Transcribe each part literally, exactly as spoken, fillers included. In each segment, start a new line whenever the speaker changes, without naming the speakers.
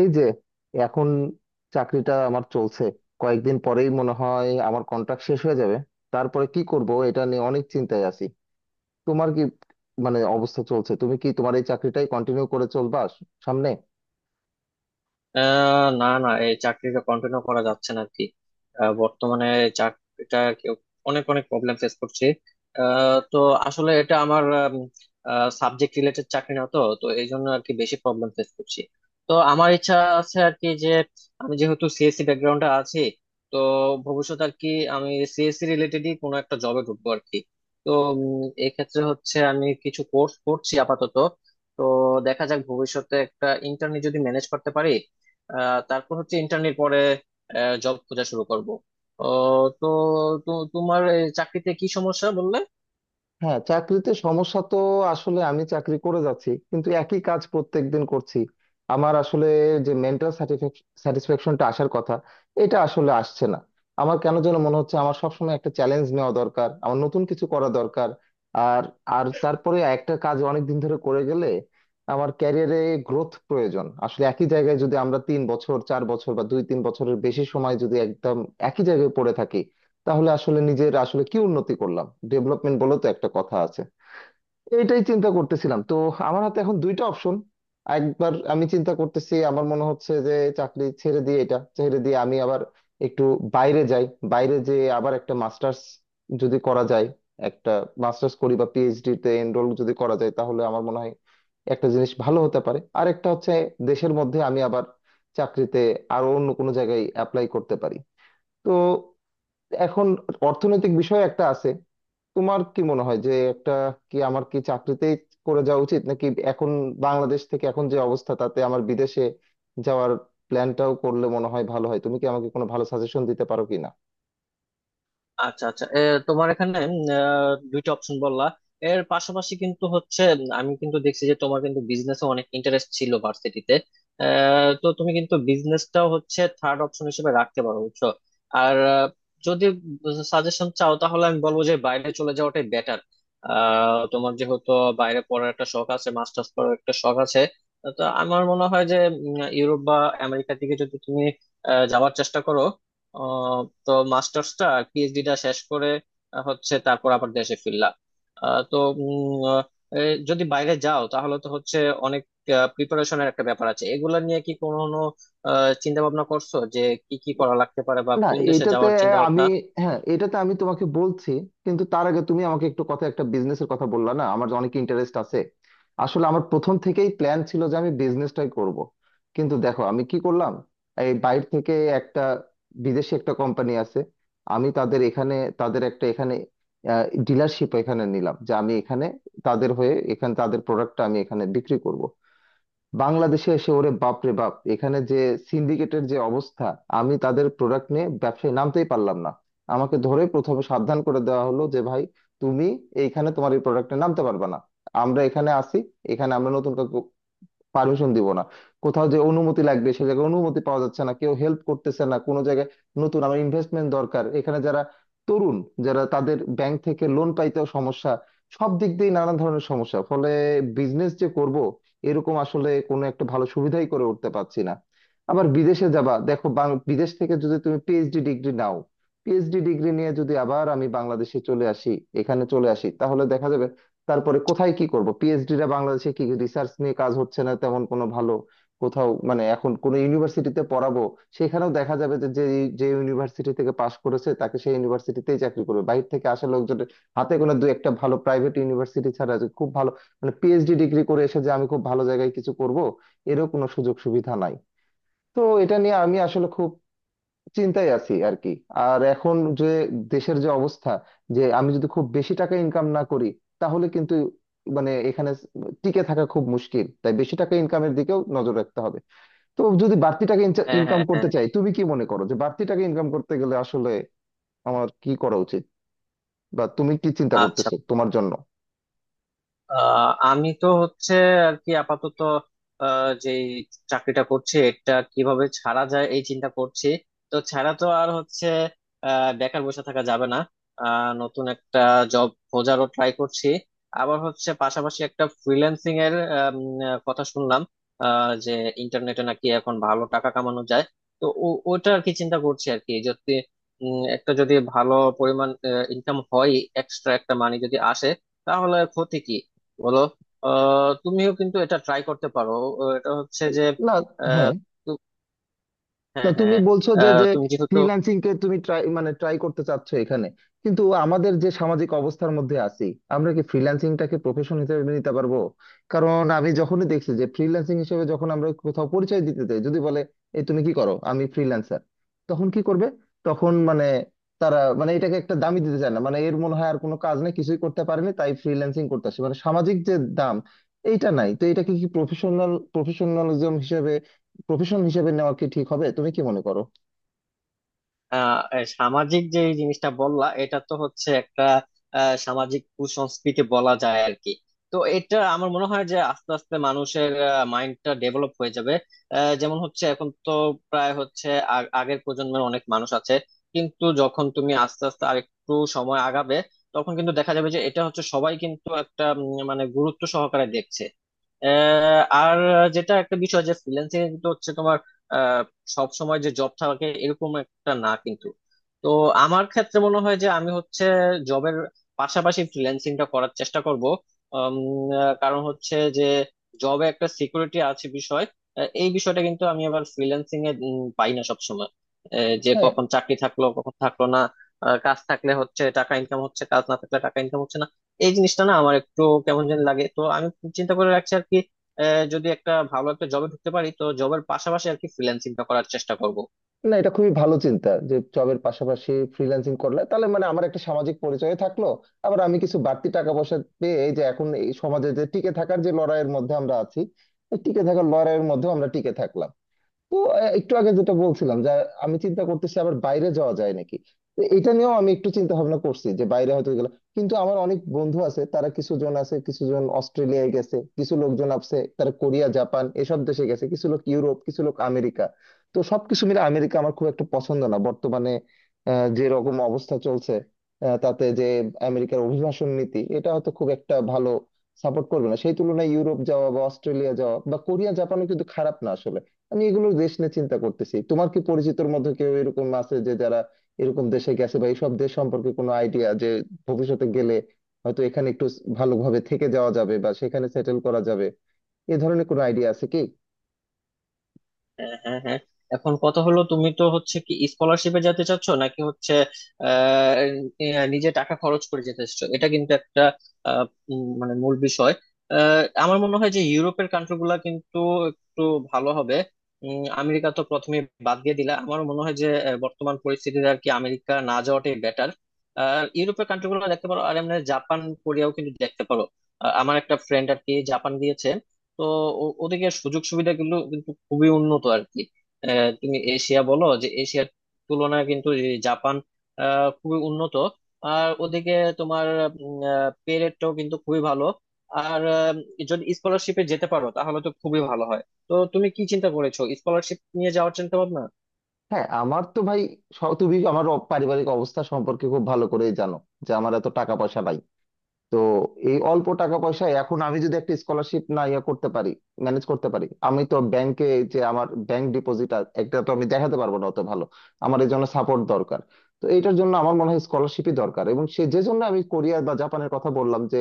এই যে এখন চাকরিটা আমার চলছে। কয়েকদিন পরেই মনে হয় আমার কন্ট্রাক্ট শেষ হয়ে যাবে। তারপরে কি করব এটা নিয়ে অনেক চিন্তায় আছি। তোমার কি মানে অবস্থা চলছে, তুমি কি তোমার এই চাকরিটাই কন্টিনিউ করে চলবা সামনে?
আহ না না, এই চাকরিটা কন্টিনিউ করা যাচ্ছে না আর কি। আহ, বর্তমানে এই চাকরিটা আর কি অনেক অনেক প্রবলেম ফেস করছি। আহ, তো আসলে এটা আমার সাবজেক্ট রিলেটেড চাকরি না, তো তো এই জন্য আর কি বেশি প্রবলেম ফেস করছি। তো আমার ইচ্ছা আছে আর কি যে, আমি যেহেতু সিএসসি ব্যাকগ্রাউন্ডে আছি, তো ভবিষ্যতে আর কি আমি সিএসসি রিলেটেডই কোনো একটা জবে ঢুকবো আর কি। তো উম, এক্ষেত্রে হচ্ছে আমি কিছু কোর্স করছি আপাতত। তো দেখা যাক, ভবিষ্যতে একটা ইন্টার্নি যদি ম্যানেজ করতে পারি। আহ, তারপর হচ্ছে ইন্টার্নের পরে জব খোঁজা শুরু করব। তো তো তোমার এই চাকরিতে কি সমস্যা বললে?
হ্যাঁ, চাকরিতে সমস্যা তো আসলে আমি চাকরি করে যাচ্ছি কিন্তু একই কাজ প্রত্যেকদিন করছি। আমার আসলে যে মেন্টাল স্যাটিসফ্যাকশনটা আসার কথা, এটা আসলে আসছে না। আমার কেন যেন মনে হচ্ছে আমার সবসময় একটা চ্যালেঞ্জ নেওয়া দরকার, আমার নতুন কিছু করা দরকার। আর আর তারপরে একটা কাজ অনেক দিন ধরে করে গেলে আমার ক্যারিয়ারে গ্রোথ প্রয়োজন। আসলে একই জায়গায় যদি আমরা তিন বছর চার বছর বা দুই তিন বছরের বেশি সময় যদি একদম একই জায়গায় পড়ে থাকি, তাহলে আসলে নিজের আসলে কি উন্নতি করলাম? ডেভেলপমেন্ট বলে তো একটা কথা আছে। এইটাই চিন্তা করতেছিলাম। তো আমার হাতে এখন দুইটা অপশন। একবার আমি চিন্তা করতেছি, আমার মনে হচ্ছে যে চাকরি ছেড়ে দিয়ে এটা ছেড়ে দিয়ে আমি আবার একটু বাইরে যাই। বাইরে যেয়ে আবার একটা মাস্টার্স যদি করা যায়, একটা মাস্টার্স করি বা পিএইচডি তে এনরোল যদি করা যায়, তাহলে আমার মনে হয় একটা জিনিস ভালো হতে পারে। আর একটা হচ্ছে দেশের মধ্যে আমি আবার চাকরিতে আরো অন্য কোনো জায়গায় অ্যাপ্লাই করতে পারি। তো এখন অর্থনৈতিক বিষয় একটা আছে। তোমার কি মনে হয় যে একটা কি আমার কি চাকরিতেই করে যাওয়া উচিত, নাকি এখন বাংলাদেশ থেকে এখন যে অবস্থা তাতে আমার বিদেশে যাওয়ার প্ল্যানটাও করলে মনে হয় ভালো হয়? তুমি কি আমাকে কোনো ভালো সাজেশন দিতে পারো কিনা?
আচ্ছা আচ্ছা, এ, তোমার এখানে উম, আহ, দুইটা অপশন বললা। এর পাশাপাশি কিন্তু হচ্ছে, উম, আমি কিন্তু দেখছি যে তোমার কিন্তু বিজনেসে অনেক ইন্টারেস্ট ছিল ভার্সিটিতে। তো তুমি কিন্তু বিজনেসটাও হচ্ছে থার্ড অপশন হিসেবে রাখতে পারো, বুঝছো। আর আহ, যদি সাজেশন চাও তাহলে আমি বলবো যে বাইরে চলে যাওয়াটাই বেটার। তোমার যেহেতু বাইরে পড়ার একটা শখ আছে, মাস্টার্স করার একটা শখ আছে, তো আমার মনে হয় যে উম, ইউরোপ বা আমেরিকার দিকে যদি তুমি আহ, যাওয়ার চেষ্টা করো। আহ, তো মাস্টার্সটা, পিএইচডিটা শেষ করে আহ, হচ্ছে তারপর আবার দেশে ফিরলাম। আহ, তো উম, আহ, এ, যদি বাইরে যাও তাহলে তো হচ্ছে অনেক প্রিপারেশনের একটা ব্যাপার আছে। এগুলা নিয়ে কি কোনো চিন্তা ভাবনা করছো যে কি কি করা লাগতে পারে, বা
না,
কোন দেশে
এটাতে
যাওয়ার চিন্তা
আমি
ভাবনা?
হ্যাঁ, এটাতে আমি তোমাকে বলছি, কিন্তু তার আগে তুমি আমাকে একটু কথা একটা বিজনেসের কথা বললা না, আমার অনেক ইন্টারেস্ট আছে। আসলে আমার প্রথম থেকেই প্ল্যান ছিল যে আমি বিজনেসটাই করব, কিন্তু দেখো আমি কি করলাম। এই বাইরে থেকে একটা বিদেশি একটা কোম্পানি আছে, আমি তাদের এখানে তাদের একটা এখানে ডিলারশিপ এখানে নিলাম যে আমি এখানে তাদের হয়ে এখানে তাদের প্রোডাক্টটা আমি এখানে বিক্রি করব। বাংলাদেশে এসে ওরে বাপ রে বাপ, এখানে যে সিন্ডিকেটের যে অবস্থা, আমি তাদের প্রোডাক্ট নিয়ে ব্যবসায় নামতেই পারলাম না। আমাকে ধরে প্রথমে সাবধান করে দেওয়া হলো যে ভাই, তুমি এইখানে তোমার এই প্রোডাক্টে নামতে পারবে না। আমরা এখানে আসি, এখানে আমরা নতুন কাউকে পারমিশন দিব না। কোথাও যে অনুমতি লাগবে সে জায়গায় অনুমতি পাওয়া যাচ্ছে না, কেউ হেল্প করতেছে না কোনো জায়গায়। নতুন আমার ইনভেস্টমেন্ট দরকার, এখানে যারা তরুণ যারা, তাদের ব্যাংক থেকে লোন পাইতেও সমস্যা। সব দিক দিয়ে নানা ধরনের সমস্যা, ফলে বিজনেস যে করব এরকম আসলে কোনো একটা ভালো সুবিধাই করে উঠতে পারছি না। আবার বিদেশে যাবা, দেখো বাং- বিদেশ থেকে যদি তুমি পিএইচডি ডিগ্রি নাও, পিএইচডি ডিগ্রি নিয়ে যদি আবার আমি বাংলাদেশে চলে আসি, এখানে চলে আসি, তাহলে দেখা যাবে তারপরে কোথায় কি করব। পিএইচডিরা বাংলাদেশে কি, রিসার্চ নিয়ে কাজ হচ্ছে না তেমন কোনো ভালো কোথাও, মানে এখন কোনো ইউনিভার্সিটিতে পড়াবো, সেখানেও দেখা যাবে যে যে যে ইউনিভার্সিটি থেকে পাশ করেছে তাকে সেই ইউনিভার্সিটিতেই চাকরি করবে, বাইরে থেকে আসা লোকজনের হাতে কোনো দু একটা ভালো প্রাইভেট ইউনিভার্সিটি ছাড়া যে খুব ভালো মানে পিএইচডি ডিগ্রি করে এসে যে আমি খুব ভালো জায়গায় কিছু করব, এরও কোনো সুযোগ সুবিধা নাই। তো এটা নিয়ে আমি আসলে খুব চিন্তায় আছি আর কি। আর এখন যে দেশের যে অবস্থা, যে আমি যদি খুব বেশি টাকা ইনকাম না করি, তাহলে কিন্তু মানে এখানে টিকে থাকা খুব মুশকিল। তাই বেশি টাকা ইনকামের দিকেও নজর রাখতে হবে। তো যদি বাড়তি টাকা
হ্যাঁ
ইনকাম
হ্যাঁ হ্যাঁ।
করতে চাই, তুমি কি মনে করো যে বাড়তি টাকা ইনকাম করতে গেলে আসলে আমার কি করা উচিত, বা তুমি কি চিন্তা
আচ্ছা।
করতেছো তোমার জন্য?
আহ আমি তো হচ্ছে আর কি আপাতত আহ, যে চাকরিটা করছি এটা কিভাবে ছাড়া যায় এই চিন্তা করছি। তো ছাড়া তো আর হচ্ছে আহ, বেকার বসে থাকা যাবে না। আহ, নতুন একটা জব খোঁজারও ট্রাই করছি। আবার হচ্ছে পাশাপাশি একটা ফ্রিল্যান্সিং এর আম, আহ, কথা শুনলাম আহ, যে ইন্টারনেটে নাকি এখন ভালো টাকা কামানো যায়। তো ও- ওটা আর কি চিন্তা করছি আর কি, যদি উম, একটা যদি ভালো পরিমাণ ইনকাম হয়, এক্সট্রা একটা মানি যদি আসে, তাহলে ক্ষতি কি বলো। আহ, তুমিও কিন্তু এটা ট্রাই করতে পারো। আহ, এটা হচ্ছে যে
না। হ্যাঁ।
আহ, তু-
তা
হ্যাঁ
তুমি
হ্যাঁ।
বলছো যে
আহ,
যে
তুমি যেহেতু
ফ্রিল্যান্সিং কে তুমি ট্রাই মানে ট্রাই করতে চাচ্ছ এখানে, কিন্তু আমাদের যে সামাজিক অবস্থার মধ্যে আছি, আমরা কি ফ্রিল্যান্সিং টাকে প্রফেশন হিসেবে মেনে নিতে পারবো? কারণ আমি যখনই দেখছি যে ফ্রিল্যান্সিং হিসেবে যখন আমরা কোথাও পরিচয় দিতে যাই, যদি বলে এই তুমি কি করো, আমি ফ্রিল্যান্সার, তখন কি করবে? তখন মানে তারা মানে এটাকে একটা দামই দিতে চায় না, মানে এর মনে হয় আর কোনো কাজ নেই, কিছুই করতে পারেনি তাই ফ্রিল্যান্সিং করতে আসে, মানে সামাজিক যে দাম এইটা নাই। তো এটাকে কি প্রফেশনাল প্রফেশনালিজম প্রফেশন হিসেবে নেওয়া কি ঠিক হবে? তুমি কি মনে করো?
আহ এ সামাজিক যে এই জিনিসটা বললা, এটা তো হচ্ছে একটা আহ, সামাজিক কুসংস্কৃতি বলা যায় আর কি। তো এটা আমার মনে হয় যে আস্তে আস্তে মানুষের মাইন্ডটা ডেভেলপ হয়ে যাবে। আহ, যেমন হচ্ছে এখন তো প্রায় হচ্ছে আগ- আগের প্রজন্মের অনেক মানুষ আছে, কিন্তু যখন তুমি আস্তে আস্তে আরেকটু সময় আগাবে, তখন কিন্তু দেখা যাবে যে এটা হচ্ছে সবাই কিন্তু একটা উম, মানে গুরুত্ব সহকারে দেখছে। আহ, আর যেটা একটা বিষয়, যে ফ্রিল্যান্সিং এ কিন্তু হচ্ছে তোমার সব সময় যে জব থাকে এরকম একটা না কিন্তু। তো আমার ক্ষেত্রে মনে হয় যে আমি হচ্ছে জবের পাশাপাশি ফ্রিল্যান্সিংটা করার চেষ্টা করব। উম, আহ, কারণ হচ্ছে যে জবে একটা সিকিউরিটি আছে বিষয়। আহ, এই বিষয়টা কিন্তু আমি আবার ফ্রিল্যান্সিং এ উম, পাই না সবসময়। আহ, যে
হ্যাঁ।
কখন চাকরি থাকলো কখন থাকলো না। আহ, কাজ থাকলে হচ্ছে টাকা ইনকাম হচ্ছে, কাজ না থাকলে টাকা ইনকাম হচ্ছে না। এই জিনিসটা না আমার একটু কেমন যেন লাগে, তো আমি চিন্তা করে রাখছি আর কি। আহ, যদি একটা ভালো একটা জবে ঢুকতে পারি, তো জবের পাশাপাশি আর কি ফ্রিল্যান্সিংটা করার চেষ্টা করব।
না, এটা খুবই ভালো চিন্তা যে জবের পাশাপাশি ফ্রিল্যান্সিং করলে তাহলে মানে আমার একটা সামাজিক পরিচয় থাকলো, আবার আমি কিছু বাড়তি টাকা পয়সা পেয়ে এই যে এখন এই সমাজে যে টিকে থাকার যে লড়াইয়ের মধ্যে আমরা আছি, এই টিকে থাকার লড়াইয়ের মধ্যে আমরা টিকে থাকলাম। তো আহ, একটু আগে যেটা বলছিলাম যে আমি চিন্তা করতেছি আবার বাইরে যাওয়া যায় নাকি, তো এটা নিয়েও আমি একটু চিন্তা ভাবনা করছি যে বাইরে হয়তো গেলাম, কিন্তু আমার অনেক বন্ধু আছে, তারা কিছু জন আছে, কিছু জন অস্ট্রেলিয়ায় গেছে, কিছু লোকজন আছে তারা কোরিয়া জাপান এসব দেশে গেছে, কিছু লোক ইউরোপ, কিছু লোক আমেরিকা। তো সবকিছু মিলে আমেরিকা আমার খুব একটা পছন্দ না বর্তমানে। আহ, যে রকম অবস্থা চলছে, আহ, তাতে যে আমেরিকার অভিবাসন নীতি এটা হয়তো খুব একটা ভালো সাপোর্ট করবে না। সেই তুলনায় ইউরোপ যাওয়া বা অস্ট্রেলিয়া যাওয়া বা কোরিয়া জাপানও কিন্তু খারাপ না আসলে। আমি এগুলোর দেশ নিয়ে চিন্তা করতেছি। তোমার কি পরিচিতর মধ্যে কেউ এরকম আছে যে যারা এরকম দেশে গেছে, বা এইসব দেশ সম্পর্কে কোনো আইডিয়া যে ভবিষ্যতে গেলে হয়তো এখানে একটু ভালোভাবে থেকে যাওয়া যাবে বা সেখানে সেটেল করা যাবে, এ ধরনের কোনো আইডিয়া আছে কি?
হ্যাঁ হ্যাঁ হ্যাঁ। এখন কথা হলো, তুমি তো হচ্ছে কি স্কলারশিপে যেতে চাচ্ছ নাকি হচ্ছে আহ আহ, নিজে টাকা খরচ করে যেতে চাচ্ছ, এটা কিন্তু একটা আহ, উম, মানে মূল বিষয়। আহ, আমার মনে হয় যে ইউরোপের কান্ট্রি গুলা কিন্তু একটু ভালো হবে। উম, আমেরিকা তো প্রথমে বাদ দিয়ে দিলা, আমার মনে হয় যে আহ, বর্তমান পরিস্থিতিতে আর কি আমেরিকা না যাওয়াটাই বেটার। আর ইউরোপের কান্ট্রি গুলো দেখতে পারো, আর এমনি জাপান কোরিয়াও কিন্তু দেখতে পারো। আহ, আমার একটা ফ্রেন্ড আর কি জাপান গিয়েছে। তো ও- ওদিকে সুযোগ সুবিধা কিন্তু কিন্তু খুবই উন্নত আর কি। আহ, তুমি এশিয়া বলো, যে এশিয়ার তুলনায় কিন্তু এই জাপান আহ, খুবই উন্নত। আর ওদিকে তোমার পে রেটটাও কিন্তু খুবই ভালো। আর আহ, যদি স্কলারশিপে যেতে পারো তাহলে তো খুবই ভালো হয়। তো তুমি কি চিন্তা করেছো স্কলারশিপ নিয়ে যাওয়ার চিন্তা
হ্যাঁ আমার তো ভাই, স- তুমি আমার অ- পারিবারিক অবস্থা সম্পর্কে খুব ভালো করেই জানো যে আমার এত টাকা পয়সা নাই। তো এই অল্প টাকা পয়সায় এখন আমি যদি একটা স্কলারশিপ না ইয়ে করতে পারি, ম্যানেজ করতে পারি, আমি তো ব্যাংকে যে আমার ব্যাংক ডিপোজিট একটা তো আমি দেখাতে পারবো না অত ভালো। আমার এই জন্য সাপোর্ট দরকার। তো এটার জন্য আমার মনে হয় স্কলারশিপই দরকার। এবং সে যে জন্য আমি কোরিয়া বা জাপানের কথা বললাম যে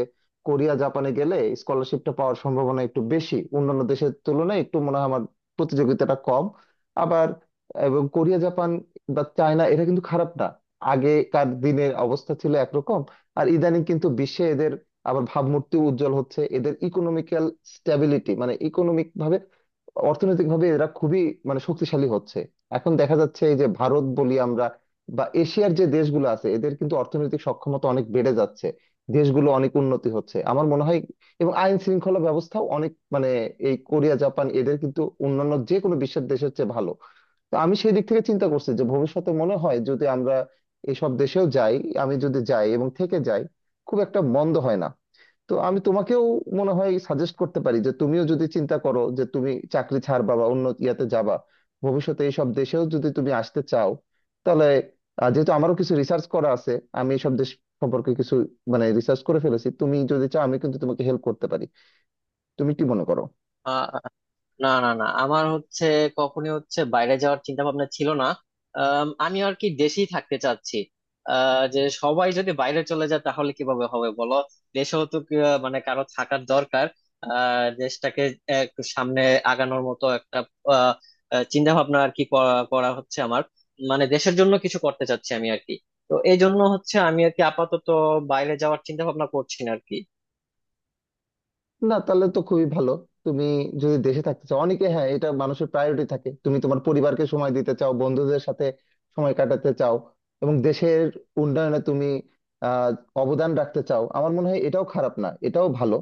কোরিয়া জাপানে গেলে স্কলারশিপটা পাওয়ার সম্ভাবনা একটু বেশি অন্যান্য দেশের তুলনায়, একটু মনে হয় আমার প্রতিযোগিতাটা কম। আবার এবং কোরিয়া জাপান বা চায়না এটা কিন্তু খারাপ না। আগেকার দিনের অবস্থা ছিল একরকম, আর ইদানিং কিন্তু বিশ্বে এদের আবার ভাবমূর্তি উজ্জ্বল হচ্ছে। এদের ইকোনমিক্যাল স্ট্যাবিলিটি মানে ইকোনমিক ভাবে অর্থনৈতিক ভাবে এরা খুবই মানে শক্তিশালী হচ্ছে। এখন দেখা যাচ্ছে এই যে ভারত বলি আমরা বা এশিয়ার যে দেশগুলো আছে, এদের কিন্তু অর্থনৈতিক সক্ষমতা অনেক বেড়ে যাচ্ছে, দেশগুলো অনেক উন্নতি হচ্ছে আমার মনে হয়। এবং আইন শৃঙ্খলা ব্যবস্থাও অনেক মানে এই কোরিয়া জাপান এদের কিন্তু অন্যান্য যে কোনো বিশ্বের দেশের চেয়ে ভালো। তো আমি সেই দিক থেকে চিন্তা করছি যে ভবিষ্যতে মনে হয় যদি আমরা এইসব দেশেও যাই, আমি যদি যাই এবং থেকে যাই, খুব একটা মন্দ হয় না। তো আমি তোমাকেও মনে হয় সাজেস্ট করতে পারি যে তুমিও যদি চিন্তা করো যে তুমি চাকরি ছাড়বা বা অন্য ইয়াতে যাবা, ভবিষ্যতে এইসব দেশেও যদি তুমি আসতে চাও তাহলে আহ, যেহেতু আমারও কিছু রিসার্চ করা আছে, আমি এইসব দেশ সম্পর্কে কিছু মানে রিসার্চ করে ফেলেছি, তুমি যদি চাও আমি কিন্তু তোমাকে হেল্প করতে পারি। তুমি কি মনে করো?
ভাবনা? না না না, আমার হচ্ছে কখনই হচ্ছে বাইরে যাওয়ার চিন্তা ভাবনা ছিল না। আম, আমি আর কি দেশেই থাকতে চাচ্ছি। আহ, যে সবাই যদি বাইরে চলে যায় তাহলে কিভাবে হবে বলো। দেশেও তো কি, আহ, মানে কারো থাকার দরকার। আহ, দেশটাকে একটু সামনে আগানোর মতো একটা আহ, আহ, চিন্তা ভাবনা আর কি করা করা হচ্ছে আমার। মানে দেশের জন্য কিছু করতে চাচ্ছি আমি আর কি। তো এই জন্য হচ্ছে আমি আর কি আপাতত বাইরে যাওয়ার চিন্তা ভাবনা করছি না আর কি।
না, তাহলে তো খুবই ভালো। তুমি যদি দেশে থাকতে চাও, অনেকে, হ্যাঁ এটা মানুষের প্রায়োরিটি থাকে, তুমি তোমার পরিবারকে সময় দিতে চাও, বন্ধুদের সাথে সময় কাটাতে চাও, এবং দেশের উন্নয়নে তুমি আহ অবদান রাখতে চাও, আমার মনে হয় এটাও খারাপ না, এটাও ভালো।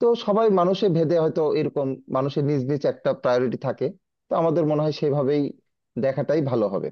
তো সবাই মানুষে ভেদে হয়তো এরকম মানুষের নিজ নিজ একটা প্রায়োরিটি থাকে। তো আমাদের মনে হয় সেভাবেই দেখাটাই ভালো হবে।